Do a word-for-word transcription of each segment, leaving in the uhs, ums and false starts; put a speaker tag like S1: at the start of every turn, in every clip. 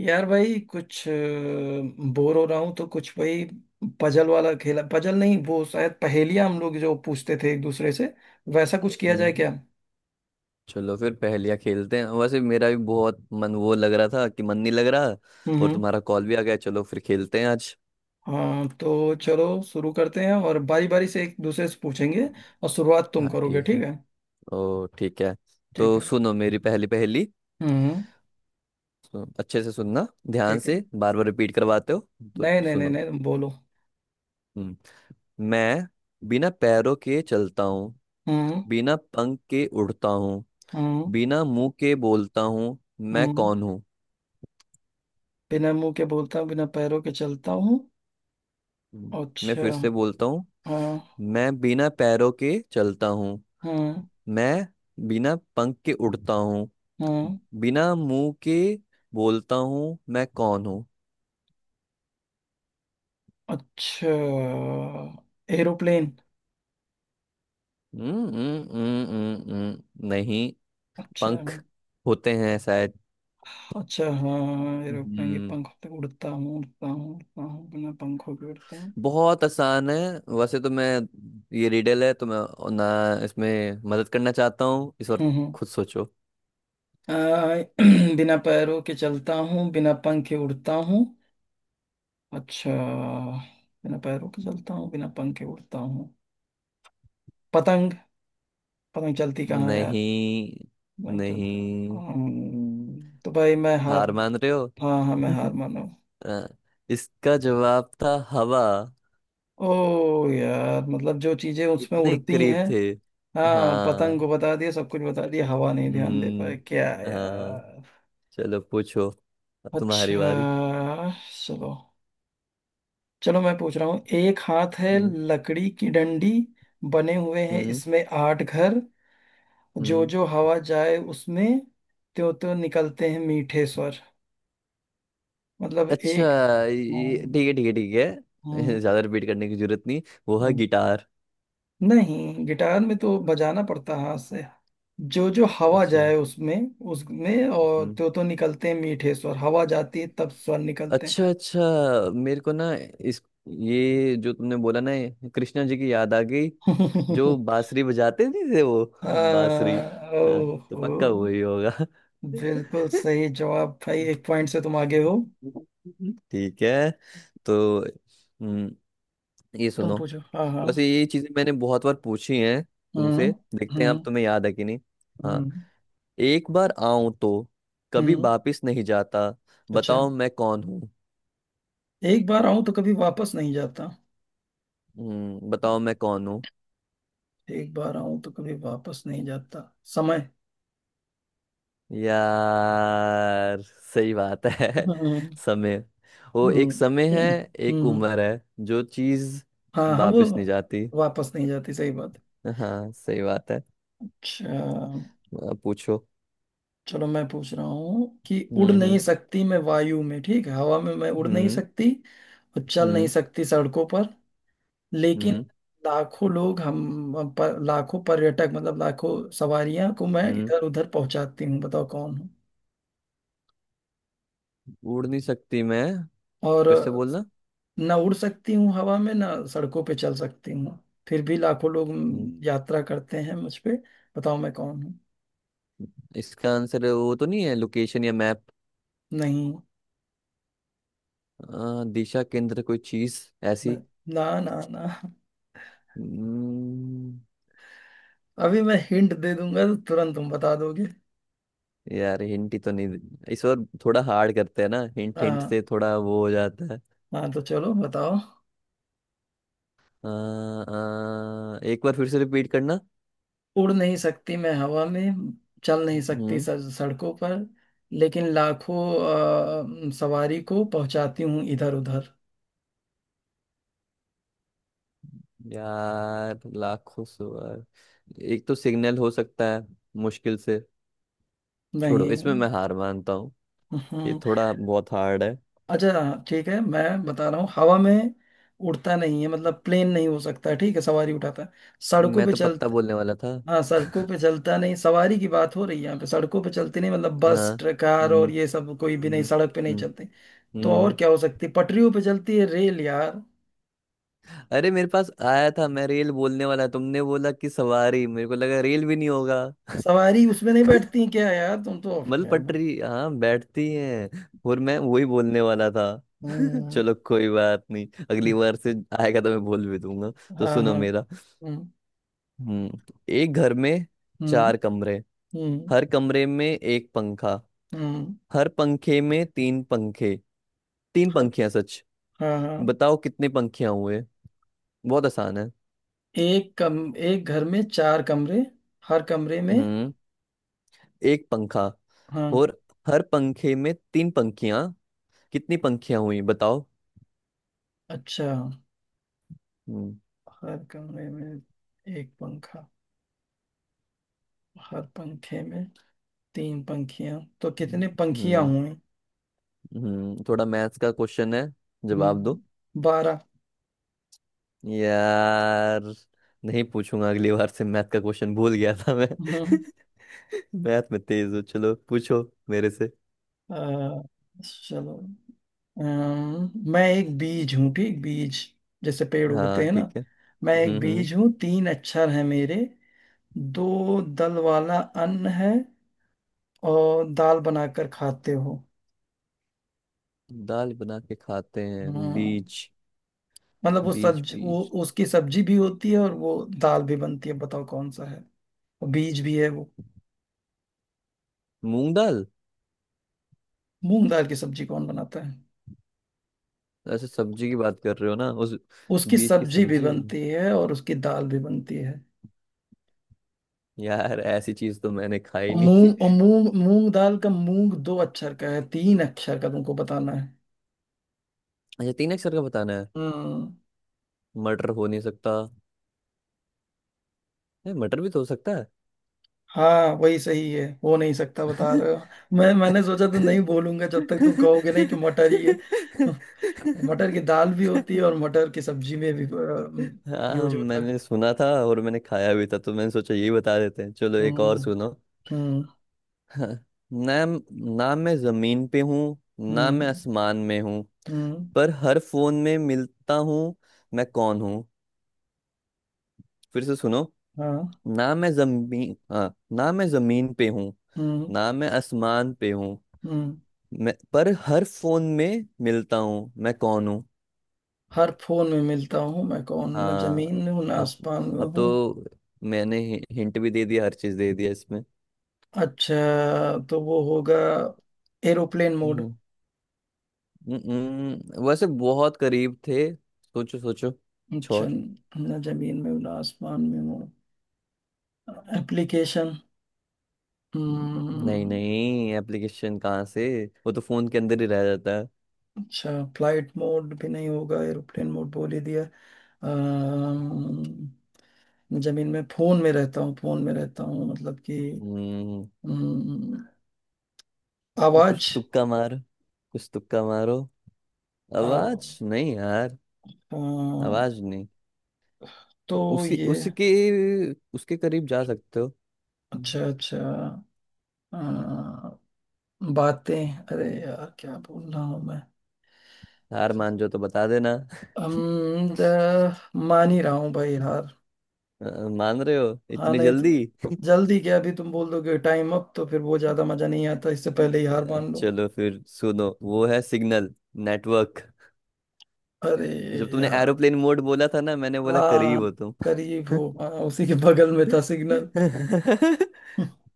S1: यार भाई, कुछ बोर हो रहा हूँ तो कुछ भाई पजल वाला खेला, पजल नहीं, वो शायद पहेलियाँ हम लोग जो पूछते थे एक दूसरे से, वैसा कुछ किया जाए
S2: हम्म,
S1: क्या।
S2: चलो फिर पहेलियाँ खेलते हैं। वैसे मेरा भी बहुत मन वो लग रहा था कि मन नहीं लग रहा, और
S1: हम्म।
S2: तुम्हारा कॉल भी आ गया, चलो फिर खेलते हैं आज।
S1: हाँ तो चलो शुरू करते हैं, और बारी बारी से एक दूसरे से पूछेंगे। और शुरुआत तुम
S2: हाँ,
S1: करोगे,
S2: ठीक
S1: ठीक
S2: है।
S1: है।
S2: ओ, ठीक है।
S1: ठीक
S2: तो
S1: है।
S2: सुनो मेरी पहली पहेली।
S1: हम्म।
S2: सुनो, अच्छे से सुनना, ध्यान
S1: ठीक है।
S2: से। बार बार रिपीट करवाते हो। तो
S1: नहीं, नहीं, नहीं,
S2: सुनो।
S1: नहीं, तुम बोलो।
S2: हम्म, मैं बिना पैरों के चलता हूँ,
S1: हम्म।
S2: बिना पंख के उड़ता हूँ,
S1: हम्म।
S2: बिना मुंह के बोलता हूँ, मैं
S1: हम्म।
S2: कौन हूँ?
S1: बिना मुंह के बोलता हूँ, बिना पैरों के चलता हूँ।
S2: हम्म, मैं
S1: अच्छा।
S2: फिर से बोलता हूँ।
S1: हाँ।
S2: मैं बिना पैरों के चलता हूँ।
S1: हम्म।
S2: मैं बिना पंख के उड़ता हूँ।
S1: हम्म।
S2: बिना मुंह के बोलता हूँ, मैं कौन हूँ?
S1: अच्छा, एरोप्लेन।
S2: हम्म, हम्म, हम्म, हम्म, हम्म, नहीं।
S1: अच्छा,
S2: पंख होते हैं शायद।
S1: अच्छा, हाँ, एरोप्लेन के
S2: हम्म।
S1: पंख होते हैं, उड़ता हूँ, उड़ता हूँ, उड़ता हूँ, बिना पंखों के उड़ता हूँ।
S2: बहुत आसान है। वैसे तो मैं ये रिडल है, तो मैं ना इसमें मदद करना चाहता हूँ इस बार।
S1: हम्म। हम्म।
S2: खुद सोचो।
S1: आ, बिना पैरों के चलता हूँ, बिना पंख के उड़ता हूँ। अच्छा। बिना पैरों के चलता हूँ, बिना पंख के उड़ता हूँ। पतंग। पतंग चलती कहाँ है यार।
S2: नहीं,
S1: पतंग चलता,
S2: नहीं,
S1: हम्म, तो भाई मैं हार।
S2: हार मान रहे हो?
S1: हाँ, हाँ, मैं हार मानो।
S2: अ, इसका जवाब था हवा।
S1: ओ। यार मतलब जो चीजें उसमें
S2: इतने
S1: उड़ती
S2: करीब
S1: हैं।
S2: थे।
S1: हाँ, पतंग
S2: हाँ।
S1: को बता दिया, सब कुछ बता दिया, हवा नहीं, ध्यान दे पाए क्या
S2: हम्म। हाँ।
S1: यार।
S2: चलो पूछो, अब तुम्हारी बारी।
S1: अच्छा। चलो, चलो मैं पूछ रहा हूँ। एक हाथ है
S2: हम्म।
S1: लकड़ी की डंडी, बने हुए हैं
S2: हम्म।
S1: इसमें आठ घर। जो
S2: हम्म।
S1: जो हवा जाए उसमें त्यों त्यों निकलते हैं मीठे स्वर। मतलब
S2: अच्छा,
S1: एक।
S2: ये
S1: हाँ,
S2: ठीक है, ठीक है, ठीक है।
S1: हाँ,
S2: ज्यादा रिपीट करने की जरूरत नहीं। वो है
S1: हाँ।
S2: गिटार।
S1: नहीं, गिटार में तो बजाना पड़ता है हाथ से। जो जो हवा
S2: अच्छा।
S1: जाए उसमें, उसमें और
S2: हम्म।
S1: तो तो निकलते हैं मीठे स्वर। हवा जाती है तब स्वर निकलते हैं।
S2: अच्छा, अच्छा। मेरे को ना इस ये जो तुमने बोला ना, ये कृष्णा जी की याद आ गई। जो बांसुरी बजाते नहीं थे वो।
S1: आ,
S2: बांसुरी। हाँ, तो
S1: ओहो।
S2: पक्का वही होगा।
S1: बिल्कुल सही जवाब भाई, एक पॉइंट से तुम आगे हो।
S2: ठीक है। तो हम्म, ये
S1: तुम
S2: सुनो।
S1: पूछो, हाँ, हाँ।
S2: बस ये चीजें मैंने बहुत बार पूछी हैं तुमसे,
S1: हम्म।
S2: देखते हैं
S1: हम्म।
S2: अब तुम्हें याद है कि नहीं। हाँ।
S1: हम्म।
S2: एक बार आऊं तो कभी
S1: हम्म।
S2: वापिस नहीं जाता,
S1: अच्छा।
S2: बताओ मैं कौन हूँ?
S1: एक बार आऊं तो कभी वापस नहीं जाता।
S2: हम्म, बताओ मैं कौन हूँ?
S1: एक बार आऊं तो कभी वापस नहीं जाता। समय।
S2: यार, सही बात है।
S1: हम्म।
S2: समय। वो
S1: हम्म।
S2: एक समय है, एक
S1: हम्म।
S2: उम्र है जो चीज
S1: हाँ, हाँ, वो
S2: वापिस नहीं जाती।
S1: वापस नहीं जाती, सही बात।
S2: हाँ, सही बात है।
S1: अच्छा।
S2: अब पूछो।
S1: चलो मैं पूछ रहा हूँ कि उड़
S2: हम्म।
S1: नहीं
S2: हम्म।
S1: सकती मैं वायु में, ठीक है, हवा में मैं उड़ नहीं
S2: हम्म।
S1: सकती। और चल नहीं
S2: हम्म।
S1: सकती सड़कों पर। लेकिन
S2: हम्म।
S1: लाखों लोग हम हम पर, लाखों पर्यटक मतलब लाखों सवारियां को मैं
S2: हम्म।
S1: इधर उधर पहुंचाती हूँ, बताओ कौन हूँ।
S2: उड़ नहीं सकती मैं,
S1: और
S2: फिर से बोलना।
S1: ना उड़ सकती हूँ हवा में, ना सड़कों पे चल सकती हूँ। फिर भी लाखों लोग
S2: हम्म,
S1: यात्रा करते हैं मुझ पे। बताओ मैं कौन हूँ।
S2: इसका आंसर वो तो नहीं है, लोकेशन या मैप?
S1: नहीं।
S2: दिशा केंद्र कोई चीज
S1: ना,
S2: ऐसी?
S1: ना, ना, ना।
S2: हम्म,
S1: अभी मैं हिंट दे दूंगा तो तुरंत तुम बता दोगे।
S2: यार हिंट ही तो नहीं दे- इस बार थोड़ा हार्ड करते हैं ना, हिंट हिंट
S1: हाँ,
S2: से थोड़ा वो हो जाता है।
S1: हाँ तो चलो बताओ।
S2: अ, अ, एक बार फिर से रिपीट करना।
S1: उड़ नहीं सकती मैं हवा में, चल नहीं सकती
S2: हम्म।
S1: सड़- सड़कों पर। लेकिन लाखों अ, सवारी को पहुंचाती हूँ इधर उधर।
S2: यार, लाखों सवाल। एक तो सिग्नल हो सकता है, मुश्किल से। छोड़ो,
S1: नहीं।
S2: इसमें मैं हार मानता हूँ। ये
S1: हम्म,
S2: थोड़ा बहुत हार्ड है।
S1: अच्छा ठीक है, मैं बता रहा हूँ हवा में उड़ता नहीं है, मतलब प्लेन नहीं हो सकता, ठीक है, सवारी उठाता है। सड़कों
S2: मैं
S1: पे
S2: तो
S1: चल
S2: पत्ता बोलने वाला था।
S1: हाँ, सड़कों पे चलता नहीं, सवारी की बात हो रही है यहाँ पे, सड़कों पे चलते नहीं मतलब
S2: हाँ।
S1: बस, ट्रक, कार
S2: हम्म।
S1: और ये सब कोई भी नहीं
S2: हम्म।
S1: सड़क पे नहीं
S2: हम्म।
S1: चलते। तो और
S2: हम्म।
S1: क्या हो सकती है, पटरियों पे चलती है रेल यार।
S2: अरे, मेरे पास आया था, मैं रेल बोलने वाला, तुमने बोला कि सवारी, मेरे को लगा रेल भी नहीं होगा।
S1: सवारी उसमें नहीं बैठती क्या, यार तुम तो।
S2: मतलब
S1: यार।
S2: पटरी, हाँ, बैठती है। और मैं वही बोलने वाला था।
S1: हम्म,
S2: चलो, कोई बात नहीं, अगली बार से आएगा तो मैं बोल भी दूंगा। तो
S1: हाँ,
S2: सुनो
S1: हाँ।
S2: मेरा।
S1: हम्म।
S2: हम्म। एक घर में
S1: हम्म।
S2: चार कमरे,
S1: हम्म।
S2: हर कमरे में एक पंखा,
S1: हम्म,
S2: हर पंखे में तीन पंखे, तीन
S1: हर,
S2: पंखियां, सच
S1: हाँ, हाँ।
S2: बताओ कितने पंखियां हुए? बहुत आसान है।
S1: एक कम, एक घर में चार कमरे, हर कमरे में।
S2: हम्म एक पंखा,
S1: हाँ।
S2: और हर पंखे में तीन पंखियां, कितनी पंखियां हुई बताओ?
S1: अच्छा।
S2: हम्म
S1: हर कमरे में एक पंखा, हर पंखे में तीन पंखियां, तो कितने पंखियां
S2: हम्म
S1: हुई।
S2: हम्म, थोड़ा मैथ्स का क्वेश्चन है, जवाब
S1: हम्म,
S2: दो।
S1: बारह।
S2: यार, नहीं पूछूंगा अगली बार से मैथ का क्वेश्चन, भूल गया था मैं।
S1: हम्म।
S2: मैथ में तेज हो, चलो पूछो मेरे से।
S1: अ, चलो। अम्म, मैं एक बीज हूँ, ठीक, बीज। जैसे पेड़ उगते
S2: हाँ,
S1: हैं ना।
S2: ठीक है।
S1: मैं
S2: हम्म।
S1: एक
S2: हम्म।
S1: बीज हूँ, तीन अक्षर है मेरे, दो दल वाला अन्न है और दाल बनाकर खाते हो।
S2: दाल बना के खाते हैं
S1: हाँ।
S2: बीज?
S1: मतलब वो
S2: बीज?
S1: सब्ज वो
S2: बीज?
S1: उसकी सब्जी भी होती है, और वो दाल भी बनती है, बताओ कौन सा है। और बीज भी है वो।
S2: मूंग दाल।
S1: मूंग दाल की सब्जी कौन बनाता है।
S2: ऐसे सब्जी की बात कर रहे हो ना उस,
S1: उसकी
S2: बीज की
S1: सब्जी भी
S2: सब्जी बन-।
S1: बनती है और उसकी दाल भी बनती है।
S2: यार, ऐसी चीज तो मैंने खाई
S1: और
S2: नहीं।
S1: मूंग और मूंग मूंग दाल का मूंग दो अक्षर का है, तीन अक्षर का तुमको बताना है।
S2: अच्छा, तीन अक्षर का बताना है।
S1: हम्म।
S2: मटर हो नहीं सकता, है मटर भी तो हो सकता है।
S1: हाँ, वही सही है, हो नहीं सकता बता रहे हो। मैं मैंने सोचा तो नहीं बोलूंगा जब तक तुम कहोगे नहीं कि मटर ही है। मटर की दाल भी होती है और मटर की सब्जी में भी
S2: हाँ,
S1: यूज होता है।
S2: मैंने सुना था और मैंने खाया भी था, तो मैंने सोचा यही बता देते हैं, चलो एक और
S1: हम्म।
S2: सुनो।
S1: हम्म।
S2: हाँ, ना ना मैं जमीन पे हूँ, ना मैं
S1: हम्म।
S2: आसमान में हूँ,
S1: हम्म।
S2: पर हर फोन में मिलता हूँ, मैं कौन हूँ? फिर से सुनो।
S1: हाँ।
S2: ना मैं जमीन हाँ, ना मैं जमीन पे हूँ,
S1: हम्म।
S2: ना मैं आसमान पे हूँ,
S1: हम्म।
S2: मैं पर हर फोन में मिलता हूँ, मैं कौन हूँ?
S1: हर फोन में मिलता हूँ मैं कौन, न
S2: हाँ।
S1: जमीन में हूँ, ना
S2: अब
S1: आसमान में
S2: अब
S1: हूँ।
S2: तो मैंने हिंट भी दे दिया, हर चीज दे दिया इसमें।
S1: अच्छा, तो वो होगा एरोप्लेन मोड।
S2: हम्म, हम्म, हम्म, वैसे बहुत करीब थे। सोचो, सोचो।
S1: अच्छा,
S2: छोर।
S1: ना जमीन में हूँ, ना आसमान में हूँ। एप्लीकेशन।
S2: नहीं,
S1: हम्म।
S2: नहीं, एप्लीकेशन कहाँ से, वो तो फोन के अंदर ही रह जाता है।
S1: अच्छा, फ्लाइट मोड भी नहीं होगा, एरोप्लेन मोड बोल ही दिया। अम्म, जमीन में, फोन में रहता हूँ, फोन में रहता हूँ, मतलब कि।
S2: हम्म,
S1: हम्म,
S2: कुछ
S1: आवाज।
S2: तुक्का मार कुछ तुक्का मारो।
S1: आव,
S2: आवाज नहीं यार,
S1: अ,
S2: आवाज नहीं।
S1: तो
S2: उसी
S1: ये।
S2: उसके उसके करीब जा सकते हो।
S1: अच्छा, अच्छा, बातें, अरे यार क्या बोल रहा हूँ मैं।
S2: हार मान जो तो बता देना।
S1: हम द- मान ही रहा हूँ भाई यार।
S2: अ, मान रहे हो
S1: हाँ,
S2: इतनी
S1: नहीं तो।
S2: जल्दी?
S1: जल्दी क्या, अभी तुम बोल दोगे टाइम अप तो फिर वो ज्यादा मजा नहीं आता, इससे पहले ही हार
S2: अ,
S1: मान लो।
S2: चलो फिर सुनो, वो है सिग्नल, नेटवर्क।
S1: अरे
S2: जब तुमने
S1: यार।
S2: एरोप्लेन मोड बोला था ना, मैंने बोला
S1: हाँ,
S2: करीब हो तुम।
S1: करीब हो, हाँ, उसी के बगल में था सिग्नल।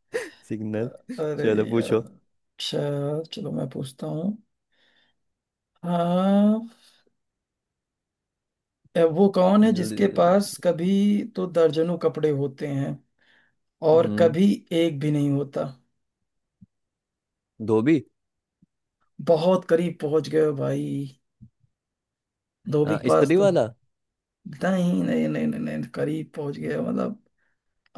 S2: सिग्नल।
S1: अरे
S2: चलो
S1: यार।
S2: पूछो।
S1: अच्छा, चलो मैं पूछता हूँ। हाँ। ए, वो कौन है
S2: जल्दी।
S1: जिसके पास कभी तो दर्जनों कपड़े होते हैं, और
S2: हम्म।
S1: कभी एक भी नहीं होता।
S2: धोबी।
S1: बहुत करीब पहुंच गए हो भाई। धोबी
S2: अ,
S1: के पास
S2: इस्त्री
S1: तो,
S2: वाला।
S1: नहीं, नहीं, नहीं, नहीं, नहीं, करीब पहुंच गए हो। मतलब,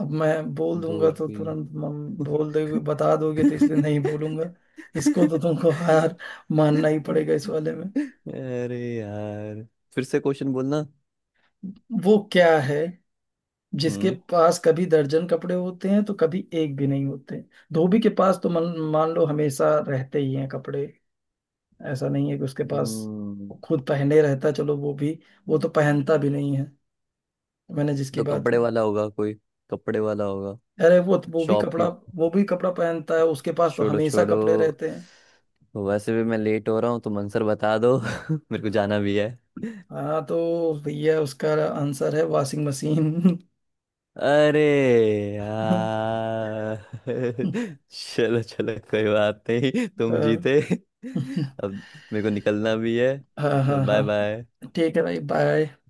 S1: अब मैं बोल दूंगा तो
S2: धोबी।
S1: तुरंत मम- बोल दोगे, बता दोगे, तो इसलिए नहीं बोलूंगा। इसको तो तुमको हार मानना ही पड़ेगा इस वाले में।
S2: अरे यार, फिर से क्वेश्चन बोलना।
S1: वो क्या है जिसके
S2: हम्म
S1: पास कभी दर्जन कपड़े होते हैं तो कभी एक भी नहीं होते। धोबी के पास तो मन मान लो हमेशा रहते ही हैं कपड़े। ऐसा नहीं है कि उसके पास
S2: हम्म,
S1: खुद पहने रहता है, चलो वो भी। वो तो पहनता भी नहीं है, मैंने जिसकी
S2: तो
S1: बात की।
S2: कपड़े वाला होगा कोई, कपड़े वाला होगा,
S1: अरे वो वो भी
S2: शॉप
S1: कपड़ा,
S2: की।
S1: वो भी कपड़ा पहनता है, उसके पास तो
S2: छोड़ो,
S1: हमेशा
S2: छोड़ो।
S1: कपड़े रहते हैं।
S2: वैसे भी मैं लेट हो रहा हूँ, तो मंसर बता दो। मेरे को जाना भी है।
S1: हाँ तो भैया, उसका आंसर है वॉशिंग मशीन।
S2: अरे यार। चलो, चलो, कोई बात नहीं, तुम
S1: हाँ,
S2: जीते। अब मेरे को निकलना भी है।
S1: हाँ, हाँ,
S2: बाय बाय।
S1: हाँ। ठीक है भाई, बाय।